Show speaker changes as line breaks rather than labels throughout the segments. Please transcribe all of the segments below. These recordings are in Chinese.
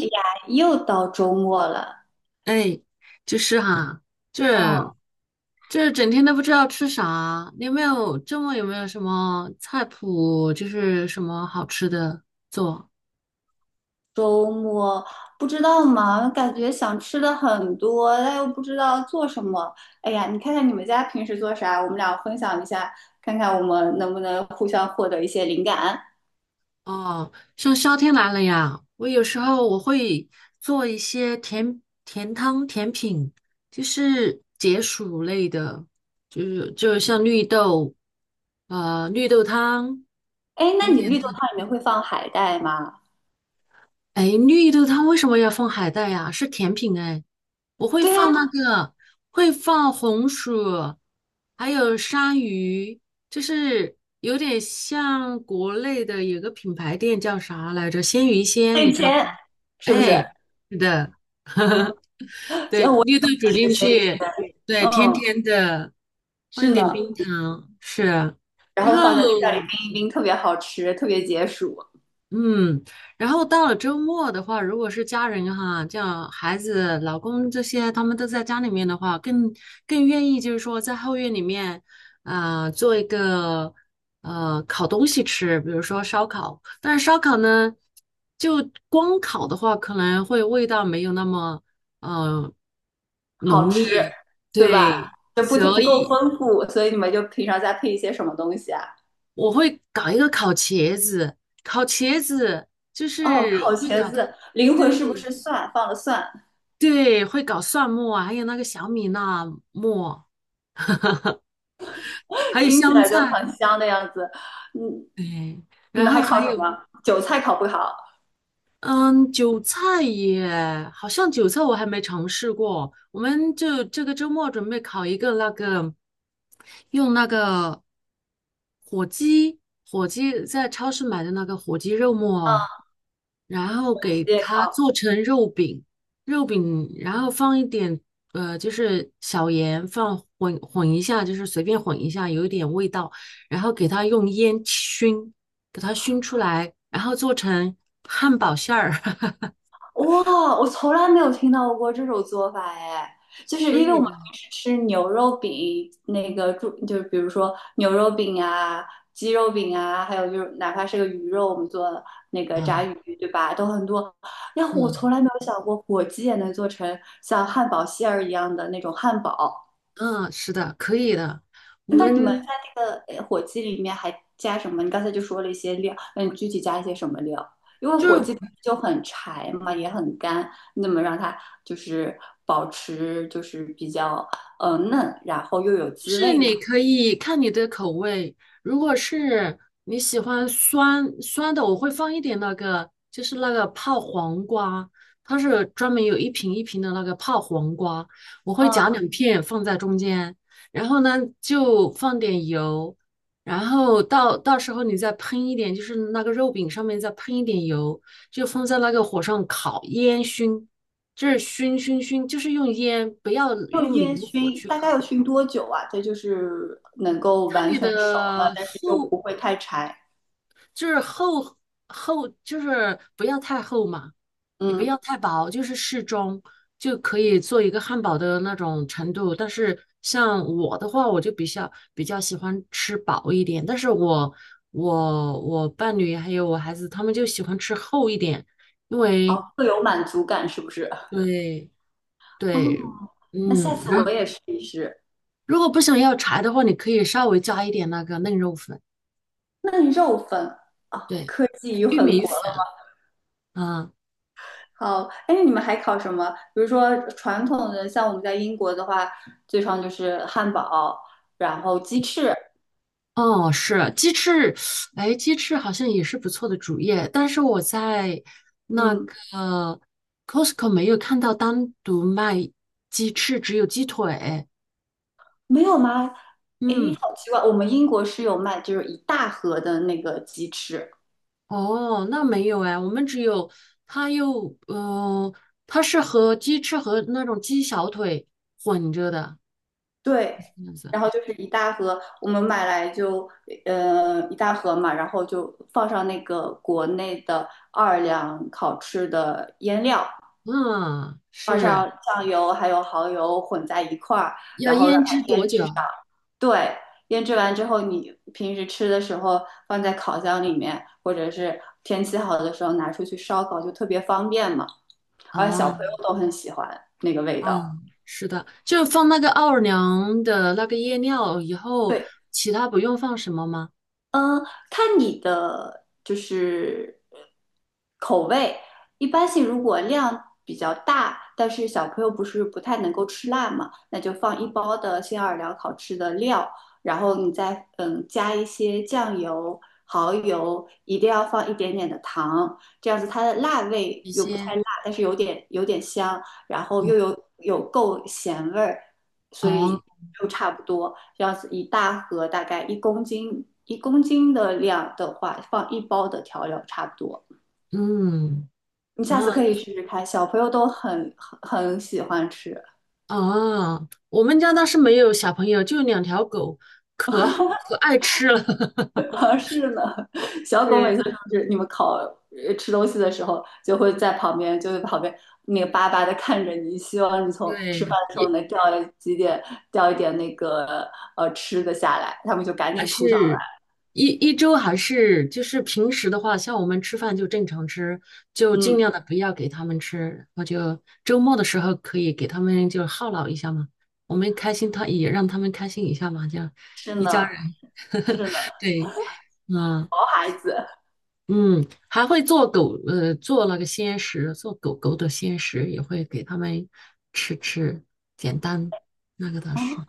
哎呀，又到周末了，
哎，就是哈、
嗯，
这这整天都不知道吃啥。你有没有什么菜谱，就是什么好吃的做？
周末不知道嘛，感觉想吃的很多，但又不知道做什么。哎呀，你看看你们家平时做啥，我们俩分享一下，看看我们能不能互相获得一些灵感。
哦，像夏天来了呀，我有时候会做一些甜甜汤、甜品，就是解暑类的，就是像绿豆，绿豆汤。
哎，那
很
你
简。
绿豆汤里面会放海带吗？
哎，绿豆汤为什么要放海带呀？是甜品哎，我会
对呀，
放那个，会放红薯，还有山芋，就是有点像国内的有个品牌店叫啥来着？鲜芋仙，
那
你
以
知道
前
吗？
是不是？
哎，是的，
啊，所
对，
以我
绿豆煮
只
进
是随缘
去，对，甜甜的，放一
是
点
呢，
冰糖，是，
然
然
后
后。
放在冰箱里冰一冰，特别好吃，特别解暑。
嗯，然后到了周末的话，如果是家人哈，像孩子、老公这些，他们都在家里面的话，更愿意就是说在后院里面，啊，做一个烤东西吃，比如说烧烤。但是烧烤呢，就光烤的话，可能会味道没有那么呃
好
浓
吃，
烈，
对吧？
对，
就不
所
不够
以。
丰富，所以你们就平常再配一些什么东西啊？
我会搞一个烤茄子，烤茄子就
哦，烤
是会
茄
搞它，
子，灵魂是不
对
是蒜放了蒜？
对，会搞蒜末啊，还有那个小米辣末，还 有
听起
香
来
菜，
就很香的样子。嗯，
对，
你
然
们
后
还烤
还
什
有。
么？韭菜烤不烤？
嗯，韭菜耶，好像韭菜我还没尝试过。我们就这个周末准备烤一个那个，用那个火鸡。火鸡在超市买的那个火鸡肉末哦，然后
火鸡
给
也
它
烤。
做成肉饼，然后放一点就是小盐，放混混一下，就是随便混一下，有一点味道，然后给它用烟熏。给它熏出来，然后做成汉堡馅儿，
哇，我从来没有听到过这种做法哎，就是
可
因为我
以
们
的
平时吃牛肉饼，那个猪就是比如说牛肉饼啊、鸡肉饼啊，还有就是哪怕是个鱼肉，我们做那个炸
啊，
鱼，对吧？都很多。然后我从
嗯
来没有想过火鸡也能做成像汉堡馅儿一样的那种汉堡。
嗯，是的，可以的。我
那你们在
们
这个火鸡里面还加什么？你刚才就说了一些料，那你具体加一些什么料？因为
就
火
是
鸡本身就很柴嘛，也很干，那么让它就是保持就是比较嫩，然后又有
就
滋
是
味嘛。
你可以看你的口味，如果是你喜欢酸酸的，我会放一点那个，就是那个泡黄瓜，它是专门有一瓶一瓶的那个泡黄瓜，我会
嗯，
夹两片放在中间，然后呢就放点油，然后到时候你再喷一点，就是那个肉饼上面再喷一点油，就放在那个火上烤烟熏，就是熏熏熏，就是用烟，不要
就
用
烟
明火
熏，
去
大概
烤。
要熏多久啊？这就是能够
看
完
你
全熟了，
的
但是又
厚，
不会太柴。
就是厚厚，就是不要太厚嘛，也不
嗯，
要太薄，就是适中就可以做一个汉堡的那种程度。但是像我的话，我就比较喜欢吃薄一点，但是我伴侣还有我孩子他们就喜欢吃厚一点，因为
哦，会有满足感是不是？
对
哦，
对，
那
嗯，
下次
然
我
后
也试一试。
如果不想要柴的话，你可以稍微加一点那个嫩肉粉，
嫩肉粉啊，
对，
科技与
玉
狠
米
活
粉。啊。
好，哎，你们还烤什么？比如说传统的，像我们在英国的话，最常就是汉堡，然后鸡翅，
哦，是鸡翅，哎，鸡翅好像也是不错的主业，但是我在那
嗯，
个 Costco 没有看到单独卖鸡翅，只有鸡腿。
没有吗？哎，
嗯，
好奇怪，我们英国是有卖，就是一大盒的那个鸡翅，
哦，那没有哎，我们只有它又，呃，它是和鸡翅和那种鸡小腿混着的。
对，然后就是一大盒，我们买来就一大盒嘛，然后就放上那个国内的奥尔良烤翅的腌料，
嗯，
放
是
上酱油还有蚝油混在一块儿，
要
然后让
腌
它
制多
腌
久？
制上。对，腌制完之后，你平时吃的时候放在烤箱里面，或者是天气好的时候拿出去烧烤，就特别方便嘛。而小
啊？
朋友都很喜欢那个味道。
嗯，是的，就是放那个奥尔良的那个夜料以后，
对，
其他不用放什么吗？
嗯，看你的就是口味，一般性如果量比较大，但是小朋友不是不太能够吃辣嘛，那就放一包的新奥尔良烤翅的料，然后你再加一些酱油、蚝油，一定要放一点点的糖，这样子它的辣味
一
又不太
些，
辣，但是有点香，然后
嗯，
又有够咸味儿，所
哦，
以就差不多。要是一大盒大概一公斤，一公斤的量的话，放一包的调料差不多。
嗯，
你下次可
嗯，
以试试看，小朋友都很很喜欢吃。
哦，我们家倒是没有小朋友，就两条狗，可好可爱吃了。
而是呢，小狗每
对
次就是你们烤吃东西的时候，就会在旁边，那个巴巴的看着你，希望你从吃饭
对，
的时候能掉几点掉一点那个吃的下来，他们就赶
还
紧扑上
是
来。
一周还是就是平时的话，像我们吃饭就正常吃，就尽
嗯，
量的不要给他们吃，我就周末的时候可以给他们就犒劳一下嘛，我们开心他也让他们开心一下嘛，这样
是
一家
呢，
人
是呢，
对，嗯
毛孩子
嗯，还会做那个鲜食，做狗狗的鲜食也会给他们吃吃，简单那个倒
啊。
是，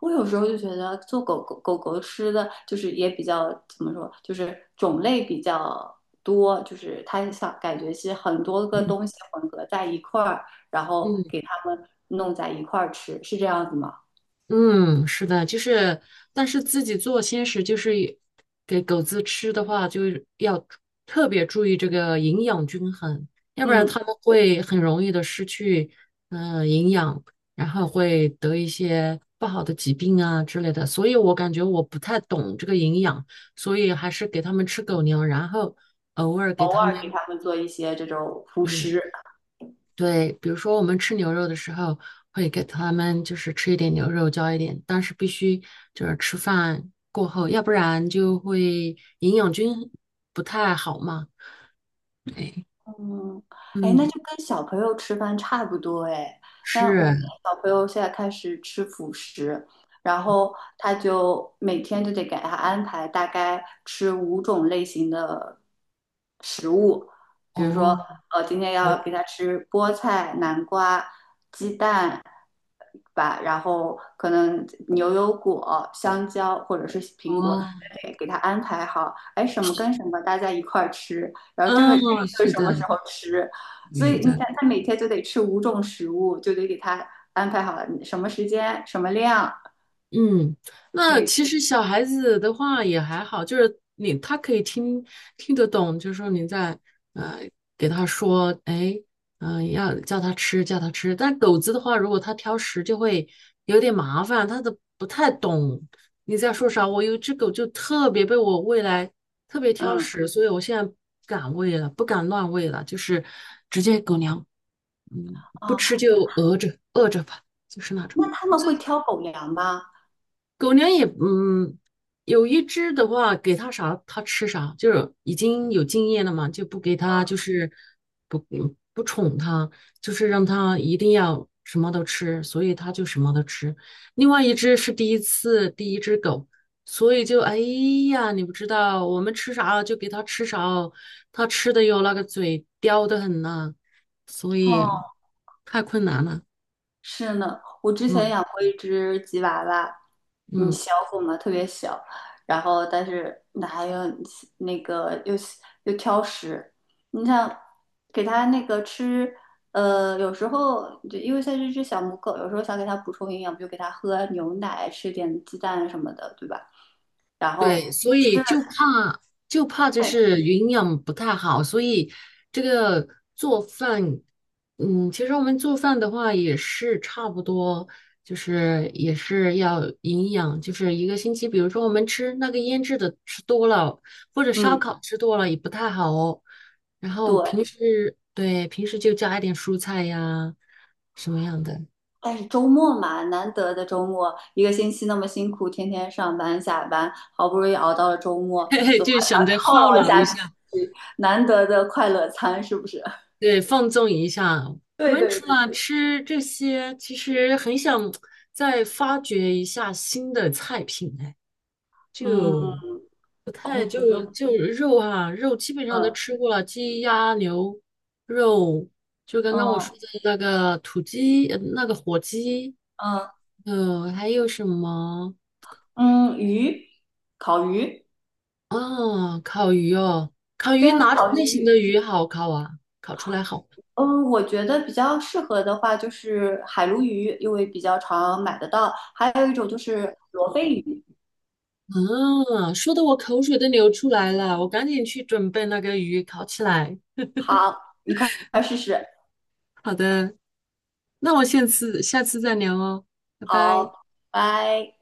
我有时候就觉得做狗狗吃的，就是也比较怎么说，就是种类比较多，就是它想感觉是很多个东
嗯
西混合在一块儿，然后
嗯
给它们弄在一块儿吃，是这样子吗？
嗯，是的，就是，但是自己做鲜食，就是也给狗子吃的话，就是要特别注意这个营养均衡，要不然
嗯，
它们会很容易的失去营养，然后会得一些不好的疾病啊之类的。所以我感觉我不太懂这个营养，所以还是给它们吃狗粮，然后偶尔给
偶
它
尔给
们，
它们做一些这种辅
对，
食。
对，比如说我们吃牛肉的时候，会给他们就是吃一点牛肉，浇一点，但是必须就是吃饭过后，要不然就会营养均衡不太好嘛。对，
嗯，哎，那
嗯，
就跟小朋友吃饭差不多哎。那我们
是，
小朋友现在开始吃辅食，然后他就每天就得给他安排大概吃五种类型的食物，比如说，
哦，
呃，今天要
哦，
给他吃菠菜、南瓜、鸡蛋吧，然后可能牛油果、香蕉或者是苹果，
啊，
得给他安排好，哎，什么跟什么大家一块儿吃。然后这
啊，
个这个
是
什么
的，
时候吃？所
是
以你
的，
看，他每天就得吃五种食物，就得给他安排好了什么时间、什么量。
嗯，那
那个，
其实小孩子的话也还好，就是你他可以听得懂，就是说你在呃给他说，哎，要叫他吃，叫他吃。但狗子的话，如果它挑食，就会有点麻烦，他都不太懂你在说啥。我有一只狗就特别被我喂来，特别挑
嗯，
食，所以我现在不敢喂了，不敢乱喂了，就是直接狗粮不
哦，
吃就饿着饿着吧，就是那种。
那他们会挑狗粮吗？
狗粮也，嗯，有一只的话，给它啥它吃啥，就是已经有经验了嘛，就不给它，就是不嗯不宠它，就是让它一定要什么都吃，所以它就什么都吃。另外一只是第一只狗，所以就哎呀，你不知道我们吃啥就给它吃啥哦，它吃的哟那个嘴刁的很呐、所以
哦，
太困难了。
是呢，我之前
嗯
养过一只吉娃娃，嗯，
嗯。
小狗嘛，特别小，然后但是那还有那个又挑食，你想给它那个吃，呃，有时候就因为它是只小母狗，有时候想给它补充营养，比如给它喝牛奶，吃点鸡蛋什么的，对吧？然后
对，所
吃
以
了
就怕就
菜，
是营养不太好，所以这个做饭，嗯，其实我们做饭的话也是差不多，就是也是要营养，就是一个星期，比如说我们吃那个腌制的吃多了，或者烧
嗯，
烤吃多了也不太好哦。然
对，
后对，平时就加一点蔬菜呀，什么样的，
但是周末嘛，难得的周末，一个星期那么辛苦，天天上班下班，好不容易熬到了周 末，
嘿嘿，
总还
就
想
想着
犒
犒
劳一
劳
下
一
自
下。
己，难得的快乐餐是不是？
对，放纵一下。我
对
们
对
除
对，
了吃这些，其实很想再发掘一下新的菜品，哎，
嗯，
就不
我
太
觉
就
得，
就肉啊，肉基本上都
嗯
吃过了，鸡鸭牛肉，就刚刚我
嗯
说的那个土鸡，那个火鸡，
嗯
还有什么
嗯，鱼，烤鱼，
啊？烤鱼哦，烤
对
鱼
啊，
哪种
烤
类型
鱼。
的鱼好烤啊？烤出来好。
嗯，我觉得比较适合的话就是海鲈鱼，因为比较常买得到，还有一种就是罗非鱼。
啊，说的我口水都流出来了，我赶紧去准备那个鱼烤起来。
好，你快快试试。
好的，那我下次再聊哦，拜拜。
好，拜。